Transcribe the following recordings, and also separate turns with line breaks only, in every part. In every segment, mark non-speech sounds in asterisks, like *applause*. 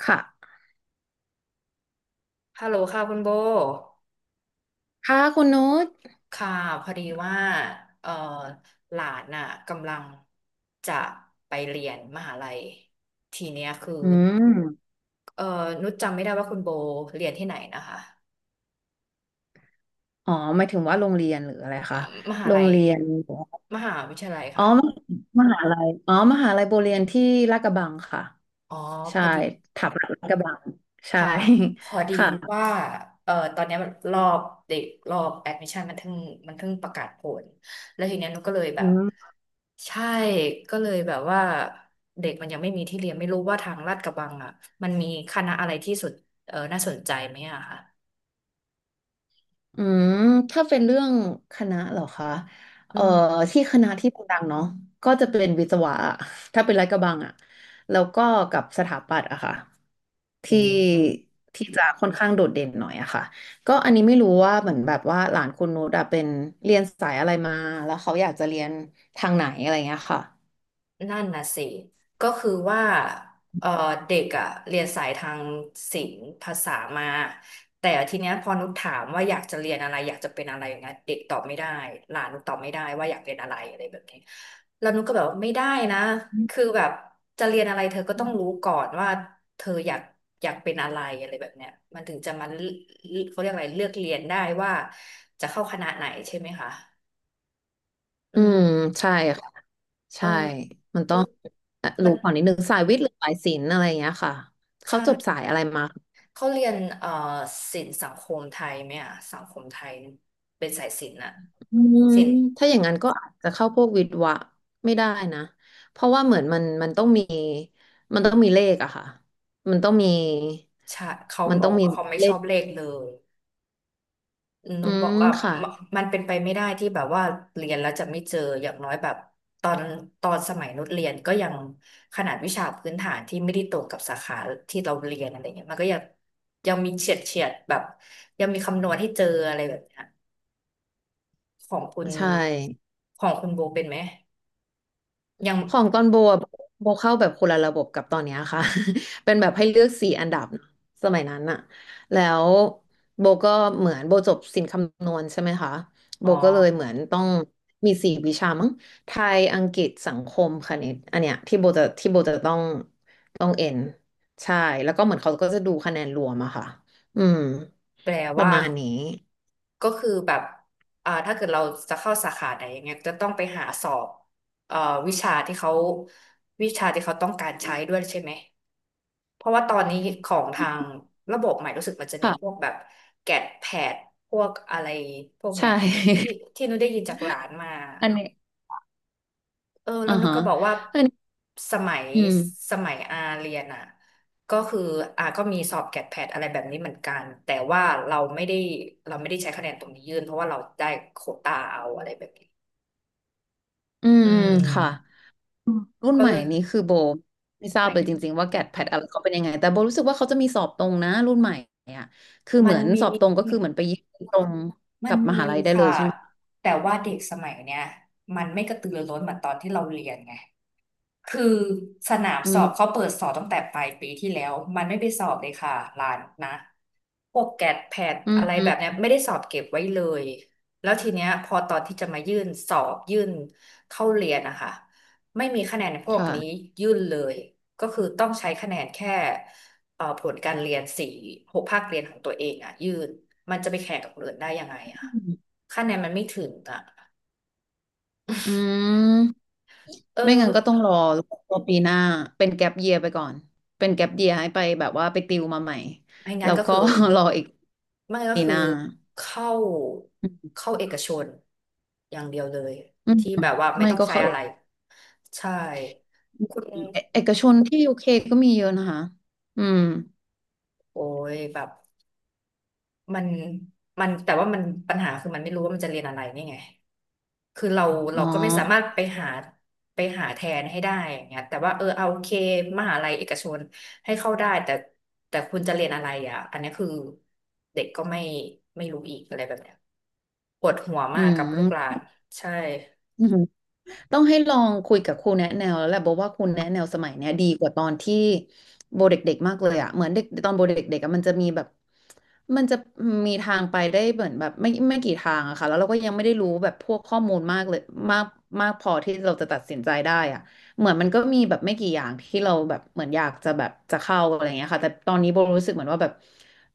ค่ะ
ฮัลโหลค่ะคุณโบ
ค่ะคุณนุช
ค่ะพอดีว่าเอ่อหลานน่ะกำลังจะไปเรียนมหาลัยทีเนี้ยคือ
อืม
เอ่อนุชจำไม่ได้ว่าคุณโบเรียนที่ไหนนะคะ
อ๋อหมายถึงว่าโรงเรียนหรืออะไร
ม
คะ
มหา
โรง
ลัย
เรียน
มหาวิทยาลัย
อ๋อ
ค่ะ
มหาลัยอ๋อมหาลัยโบเรียนที่ลาดกระบังค่ะ
อ๋อพ
ใช่
อดี
ถับลาดกระบังใช่
ค่ะพอ
*laughs*
ดี
ค่ะ
ว่าตอนเนี้ยรอบเด็กรอบแอดมิชชั่นมันเพิ่งประกาศผล แล้วทีเนี้ยหนุก็เลยแบ
อื
บ
ม
ใช่ก็เลยแบบว่าเด็กมันยังไม่มีที่เรียนไม่รู้ว่าทางลาดกระบังอ่ะมันมีคณะอะไรที่สุดเออน่าสนใจไหมอะค่ะ
อืมถ้าเป็นเรื่องคณะเหรอคะเอ่อที่คณะที่ดังๆเนาะก็จะเป็นวิศวะอะถ้าเป็นลาดกระบังอะแล้วก็กับสถาปัตย์อะค่ะ
อื
ที่
ม
ที่จะค่อนข้างโดดเด่นหน่อยอะค่ะก็อันนี้ไม่รู้ว่าเหมือนแบบว่าหลานคุณนุชอะเป็นเรียนสายอะไรมาแล้วเขาอยากจะเรียนทางไหนอะไรเงี้ยค่ะ
นั่นน่ะสิก็คือว่าเออเด็กอะเรียนสายทางศิลป์ภาษามา แต่ทีเนี้ยพอนุชถามว่าอยากจะเรียนอะไรอยากจะเป็นอะไรอย่างเงี้ยเด็กตอบไม่ได้หลานนุชตอบไม่ได้ว่าอยากเป็นอะไรอะไรแบบนี้แล้วนุชก็แบบว่าไม่ได้นะคือแบบจะเรียนอะไรเธอก็ต้องรู้ก่อนว่าเธออยากเป็นอะไรอะไรแบบเนี้ยมันถึงจะมาเลือกเขาเรียกอะไรเลือกเรียนได้ว่าจะเข้าคณะไหนใช่ไหมคะ อื
อืม
ม
ใช่ค่ะ
เออ
ใช่มันต้อง
มั
รู้
น
ก่อนนิดนึงสายวิทย์หรือสายศิลป์อะไรเงี้ยค่ะเขา
ใช่
จบสายอะไรมา
เขาเรียนศิลป์สังคมไทยไหมอ่ะสังคมไทยเป็นสายศิลป์น่ะ
อืม
ศิลป์
ถ้าอย่างนั้นก็อาจจะเข้าพวกวิทย์วะไม่ได้นะเพราะว่าเหมือนมันต้องมีมันต้องมีเลขอะค่ะมันต้องมี
ชาเขา
มัน
บ
ต้
อ
อ
ก
งมี
ว่าเขาไม่
เล
ชอ
ข
บเลขเลย
อื
นุกบอ
ม
กว่า
ค่ะ
มันมันเป็นไปไม่ได้ที่แบบว่าเรียนแล้วจะไม่เจออย่างน้อยแบบตอนตอนสมัยนุชเรียนก็ยังขนาดวิชาพื้นฐานที่ไม่ได้ตรงกับสาขาที่เราเรียนอะไรเงี้ยมันก็ยังมีเฉียดเฉียดแบบยังมีคำนวณให้เจออะไรแบบเนี้ยของคุณ
ใช่
ของคุณโบเป็นไหมยัง
ของตอนโบอะโบเข้าแบบคนละระบบกับตอนเนี้ยค่ะ *laughs* เป็นแบบให้เลือก4 อันดับเนอะสมัยนั้นอะแล้วโบก็เหมือนโบจบศิลป์คำนวณใช่ไหมคะโบ
อ๋อ
ก็เลยเหมือนต้องมี4 วิชามั้งไทยอังกฤษสังคมคณิตอันเนี้ยที่โบจะต้องเอ็นใช่แล้วก็เหมือนเขาก็จะดูคะแนนรวมอะค่ะอืม
แปล
ประ
ว่า
มาณนี้
ก็คือแบบอ่าถ้าเกิดเราจะเข้าสาขาไหนอย่างเงี้ยจะต้องไปหาสอบเอ่อวิชาที่เขาวิชาที่เขาต้องการใช้ด้วยใช่ไหม เพราะว่าตอนนี้ของทางระบบใหม่รู้สึกมันจะมีพวก
ค่ะ
แบบแกดแพดพวกอะไรพวก
ใช
เนี้ยที่
่
ที่หนูได้ยินจากหลานมา
*laughs* อันนี้
เออ
อ่า
แล้วนุก
ฮะ
ก็บอกว่า
อันนี้
สมัย
อืม
สมัยอาเรียนอ่ะก็คืออาก็มีสอบแกดแพดอะไรแบบนี้เหมือนกันแต่ว่าเราไม่ได้เราไม่ได้ใช้คะแนนตรงนี้ยื่นเพราะว่าเราได้โควตาเอาอะไรแบบนี้
อื
อื
มค่ะ
ม
อืมรุ่น
ก็
ใหม่
เลย
นี้คือโบไม่ทราบ
มั
เลย
น
จริงๆว่าแกดแพดอะไรเขาเป็นยังไงแต่โบรู้สึกว่าเขาจะมีสอบตรงนะรุ่นใหม่อ่ะคือเห
มั
มื
น
อน
มี
สอบตรงก็คือเหมือนไปยื่นตรง
มั
กั
น
บม
มี
หาลัยได้เล
ค่ะ
ยใช่ไหม
แต่ว่าเด็กสมัยเนี้ยมันไม่กระตือรือร้นเหมือนตอนที่เราเรียนไง คือสนาม
อื
สอบ
ม
เขาเปิดสอบตั้งแต่ปลายปีที่แล้วมันไม่ไปสอบเลยค่ะร้านนะพวกแกดแพด
อื
อะไร
ม
แบบเนี้ยไม่ได้สอบเก็บไว้เลยแล้วทีเนี้ยพอตอนที่จะมายื่นสอบยื่นเข้าเรียนนะคะไม่มีคะแนนพวกนี้
ค่ะ
ยื่นเลยก็คือต้องใช้คะแนนแค่ผลการเรียน4-6 ภาคเรียนของตัวเองอ่ะยื่นมันจะไปแข่งกับคนอื่นได้ยังไงอ่ะ
อืม
คะแนนมันไม่ถึงอ่ะ
อืม
เอ
ไม่งั้นก็ต้อ
อ
งรอรอปีหน้าเป็นแก็ปเยียไปก่อนเป็นแก็ปเยียให้ไปแบบว่าไปติวมาใหม่
ไม่งั้
แล้
น
ว
ก็
ก็
คือ
*laughs* รออีก
ไม่ก็
ปีห
คือ
น้า
เข้า
อื
เข้าเอกชนอย่างเดียวเลย
มอืม
ที่แบบว่าไม่
ไม่
ต้อง
ก็
ใช้
เข้าเอ
อะ
ก
ไรใช่คุณ
เอเอกชนที่ยูเคก็มีเยอะนะคะอืม
โอ้ยแบบมันมันแต่ว่ามันปัญหาคือมันไม่รู้ว่ามันจะเรียนอะไรนี่ไง คือเรา
อ๋
เราก็ไม่สา
อ
มารถไปหาแทนให้ได้อย่างเงี้ยแต่ว่าเออเอาโอเคมหาลัยเอกชนให้เข้าได้แต่แต่คุณจะเรียนอะไรอ่ะอันนี้คือเด็กก็ไม่รู้อีกอะไรแบบเนี้ยปวดหัว
อื
มากกับลูกหลา
ม
นใช่
อืมต้องให้ลองคุยกับครูแนะแนวแล้วแหละบอกว่าครูแนะแนวสมัยเนี้ยดีกว่าตอนที่โบเด็กๆมากเลยอะเหมือนเด็กตอนโบเด็กๆอะมันจะมีแบบมันจะมีทางไปได้เหมือนแบบไม่กี่ทางอะค่ะแล้วเราก็ยังไม่ได้รู้แบบพวกข้อมูลมากเลยมากมากพอที่เราจะตัดสินใจได้อะเหมือนมันก็มีแบบไม่กี่อย่างที่เราแบบเหมือนอยากจะแบบจะเข้าอะไรเงี้ยค่ะแต่ตอนนี้โบรู้สึกเหมือนว่าแบบ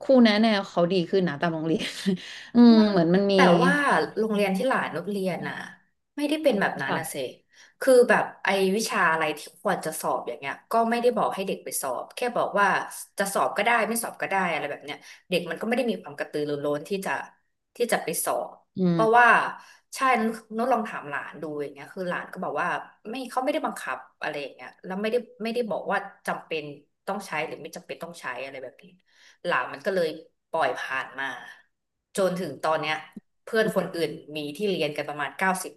ครูแนะแนวเขาดีขึ้นนะตามโรงเรียน *laughs* อืมเหมือนมันมี
แต่ว่าโรงเรียนที่หลานนุชเรียนน่ะไม่ได้เป็นแบบนั้น
ค่ะ
นะเซคือแบบไอ้วิชาอะไรที่ควรจะสอบอย่างเงี้ยก็ไม่ได้บอกให้เด็กไปสอบแค่บอกว่าจะสอบก็ได้ไม่สอบก็ได้อะไรแบบเนี้ยเด็กมันก็ไม่ได้มีความกระตือรือร้นที่จะไปสอบ
อื
เพราะ
ม
ว่าใช่นุชลองถามหลานดูอย่างเงี้ยคือหลานก็บอกว่าไม่เขาไม่ได้บังคับอะไรอย่างเงี้ยแล้วไม่ได้บอกว่าจำเป็นต้องใช้หรือไม่จำเป็นต้องใช้อะไรแบบนี้ หลานมันก็เลยปล่อยผ่านมาจนถึงตอนเนี้ยเพื่อนคนอื่นมีที่เรียนกันประมาณเก้าสิบ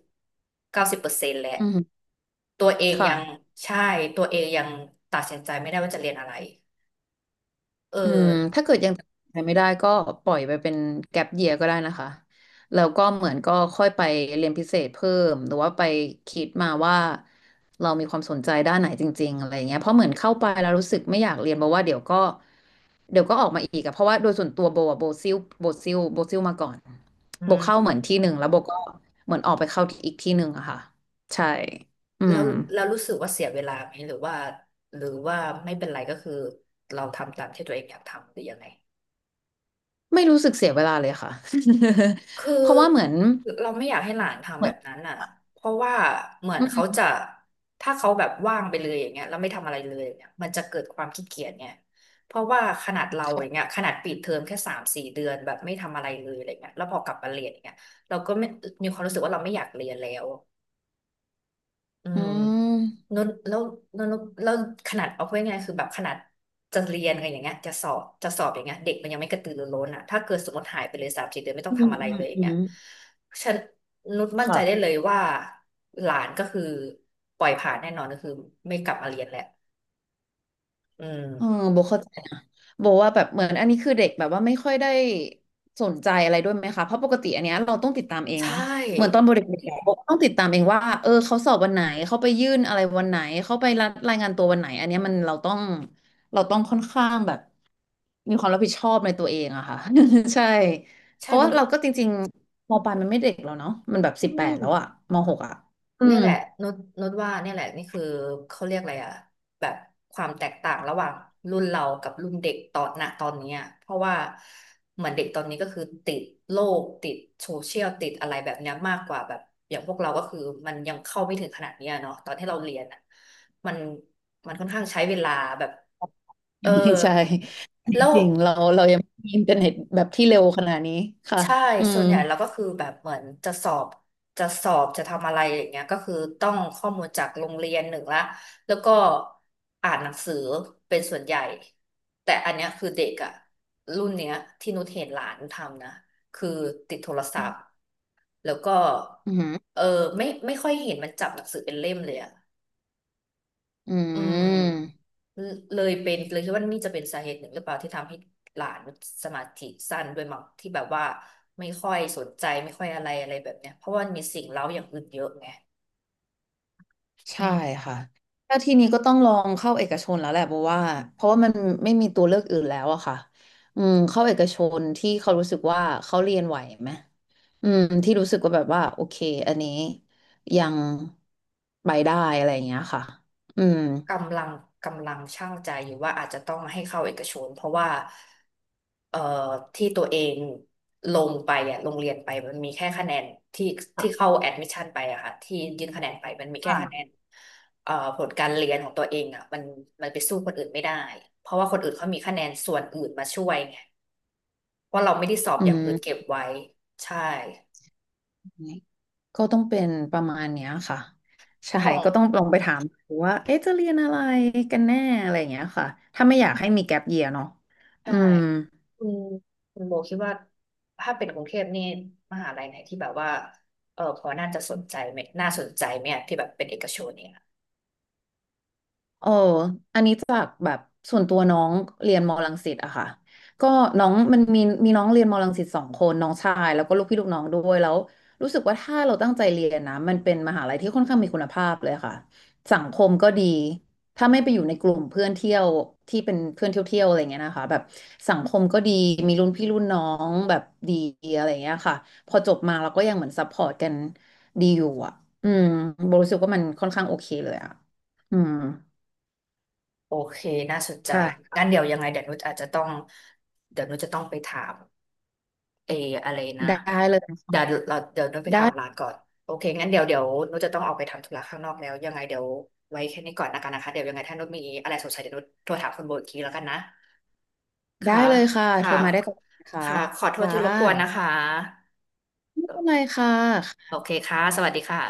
เก้าสิบเปอร์เซ็นต์แหละ
อืม
ตัวเอง
ค่ะ
ยังใช่ตัวเองยังตัดสินใจไม่ได้ว่าจะเรียนอะไรเออ
อืมถ้าเกิดยังตัดสินใจไม่ได้ก็ปล่อยไปเป็นแก็ปเยียก็ได้นะคะแล้วก็เหมือนก็ค่อยไปเรียนพิเศษเพิ่มหรือว่าไปคิดมาว่าเรามีความสนใจด้านไหนจริงๆอะไรเงี้ยเพราะเหมือนเข้าไปแล้วรู้สึกไม่อยากเรียนเพราะว่าเดี๋ยวก็ออกมาอีกอะเพราะว่าโดยส่วนตัวโบอะโบซิลมาก่อน
อื
โบเข้าเห
ม
มือนที่หนึ่งแล้วโบก็เหมือนออกไปเข้าอีกที่หนึ่งอะค่ะใช่อื
แล้
ม
วแล้วรู้สึกว่าเสียเวลาไหมหรือว่าไม่เป็นไรก็คือเราทำตามที่ตัวเองอยากทำหรือยังไง
ไม่รู้สึกเสียเวลาเลยค่ะ
คื
*laughs* เพ
อ
ราะว่าเหมือน
เราไม่อยากให้หลาน
เห
ทำ
มื
แบ
อน
บนั้นอ่ะเพราะว่าเหมือ
อื
นเขา
ม
จะถ้าเขาแบบว่างไปเลยอย่างเงี้ยแล้วไม่ทำอะไรเลยเนี่ยมันจะเกิดความขี้เกียจเนี่ยเพราะว่าขนาดเราอย่าง
ค่ะ
เงี้ยขนาดปิดเทอมแค่สามสี่เดือนแบบไม่ทำอะไรเลยอะไรเงี้ยแล้วพอกลับมาเรียนอย่างเงี้ยเราก็ไม่มีความรู้สึกว่าเราไม่อยากเรียนแล้ว อื
อื
ม
ม
นนแล้วนนแล้วขนาดเอาพูดง่ายๆคือแบบขนาดจะเรียนอะไรอย่างเงี้ยจะสอบจะสอบอย่างเงี้ยเด็กมันยังไม่กระตือรือร้นอ่ะถ้าเกิดสมมติหายไปเลยสามสี่เดือนไม่ต้
อื
องทำ
ม
อะไร
อืม
เลยอย่า
อื
งเงี้
ม
ยฉันนุชมั่นใจได้
ค่ะ
เลยว่าหลานก็คือปล่อยผ่านแน่นอนก็คือไม่กลับมาเรียนแหละอื
เออ
ม
โบเข้าใจนะโบว่าแบบเหมือนอันนี้คือเด็กแบบว่าไม่ค่อยได้สนใจอะไรด้วยไหมคะเพราะปกติอันเนี้ยเราต้องติดตามเอง
ใช
นะเหมือนตอน
่
โบเด็กๆอะโบต้องติดตามเองว่าเออเขาสอบวันไหนเขาไปยื่นอะไรวันไหนเขาไปรับรายงานตัววันไหนอันเนี้ยมันเราต้องค่อนข้างแบบมีความรับผิดชอบในตัวเองอะค่ะ *laughs* ใช่เพ
ใช่
ราะ
นุ
ว่า
ชก็
เราก็จริงๆมปลายมันไม่เด็กแล้วเนาะมันแบบ
อื
18
ม
แล้วอะมหกอะอื
เนี่
ม
ยแหละนุชนุชว่าเนี่ยแหละนี่คือเขาเรียกอะไรอะแบบความแตกต่างระหว่างรุ่นเรากับรุ่นเด็กตอนนตอนเนี้ยเพราะว่าเหมือนเด็กตอนนี้ก็คือติดโลกติดโซเชียลติดอะไรแบบเนี้ยมากกว่าแบบอย่างพวกเราก็คือมันยังเข้าไม่ถึงขนาดเนี้ยเนาะตอนที่เราเรียนอะมันมันค่อนข้างใช้เวลาแบบเออ
*laughs* ใช่
แล้ว
จริงๆเรายังไม่มีอินเทอร์เน็ตแบบที่เร็วขนาดนี้ค่ะ
ใช่
อื
ส่
ม
วนใหญ่เราก็คือแบบเหมือนจะสอบจะทำอะไรอย่างเงี้ยก็คือต้องข้อมูลจากโรงเรียนหนึ่งละแล้วก็อ่านหนังสือเป็นส่วนใหญ่แต่อันเนี้ยคือเด็กอะรุ่นเนี้ยที่นุชเห็นหลานทำนะคือติดโทรศัพท์แล้วก็
อืมอือ
เออไม่ค่อยเห็นมันจับหนังสือเป็นเล่มเลยอะ อืม
ม
เลยเป็นเลยคิดว่านี่จะเป็นสาเหตุหนึ่งหรือเปล่าที่ทำให้หลานสมาธิสั้นด้วยมั้งที่แบบว่าไม่ค่อยสนใจไม่ค่อยอะไรอะไรแบบเนี้ยเพราะว่ามันมีสิ่งเร้าอย่างอื่นเยอะไง
ใช่ค่ะถ้าทีนี้ก็ต้องลองเข้าเอกชนแล้วแหละเพราะว่ามันไม่มีตัวเลือกอื่นแล้วอะค่ะอืมเข้าเอกชนที่เขารู้สึกว่าเขาเรียนไหวไหมอืมที่รู้สึกว่าแบบว่าโอเคอันนี้ยังไปได้อะไรอย่างเงี้ยค่ะอืม
กำลังกำลังชั่งใจอยู่ว่าอาจจะต้องให้เข้าเอกชนเพราะว่าเอ่อที่ตัวเองลงไปอ่ะโงเรียนไปมันมีแค่คะแนนที่ที่เข้าแอดมิชชั่นไปอะค่ะที่ยื่นคะแนนไปมันมีแค่คะแนน
ค่ะ
ผลการเรียนของตัวเองอ่ะมันไปสู้คนอื่นไม่ได้เพราะว่าคนอื่นเขามีคะแนนส่วนอื่นมาช่วยไงเพราะเราไม่ได้สอบ
อื
อย่างอื่นเก็บ
ม
ไว้ใช่
ก็ต้องเป็นประมาณเนี้ยค่ะใช่
ของ
ก็ต้องลองไปถามดูว่าเอ๊ะจะเรียนอะไรกันแน่อะไรอย่างเงี้ยค่ะถ้าไม่อยากให้มีแก p เยียเนาะอื
ใช่
ม
คุณคุณโบคิดว่าถ้าเป็นกรุงเทพนี่มหาลัยไหนที่แบบว่าเออพอน่าจะสนใจไหมน่าสนใจไหมอะที่แบบเป็นเอกชนเนี่ย
เอออันนี้จากแบบส่วนตัวน้องเรียนมอรังสิตอะค่ะก็น้องมันมีน้องเรียนมอรังสิต2 คนน้องชายแล้วก็ลูกพี่ลูกน้องด้วยแล้วรู้สึกว่าถ้าเราตั้งใจเรียนนะมันเป็นมหาลัยที่ค่อนข้างมีคุณภาพเลยค่ะสังคมก็ดีถ้าไม่ไปอยู่ในกลุ่มเพื่อนเที่ยวที่เป็นเพื่อนเที่ยวเที่ยวอะไรเงี้ยนะคะแบบสังคมก็ดีมีรุ่นพี่รุ่นน้องแบบดีอะไรเงี้ยค่ะพอจบมาเราก็ยังเหมือนซัพพอร์ตกันดีอยู่อะอืมโบรู้สึกว่ามันค่อนข้างโอเคเลยอะอืม
โอเคน่าสนใจ
ใช่
งั้นเดี๋ยวยังไงเดี๋ยวนุชอาจจะต้องเดี๋ยวนุชจะต้องไปถามเอออะไรนะ
ได้เลยค่ะ
เดี๋ยวเราเดี๋ยวนุชไป
ได้
ถามร้านก่อนโอเคงั้นเดี๋ยวเดี๋ยวนุชจะต้องออกไปทำธุระข้างนอกแล้วยังไงเดี๋ยวไว้แค่นี้ก่อนนะกันนะคะเดี๋ยวยังไงถ้านุชมีอะไรสงสัยเดี๋ยวนุชโทรถามคุณโบอีกทีแล้วกันนะ
ได้
ค่ะ
เลยค่ะโทร
ค่ะ
มาได้ตลอดนะคะ
ค่ะขอโทษ
ค่ะ
ที่รบกวนนะคะ
ไม่เป็นไรค่ะ
โอเคค่ะ สวัสดีค่ะ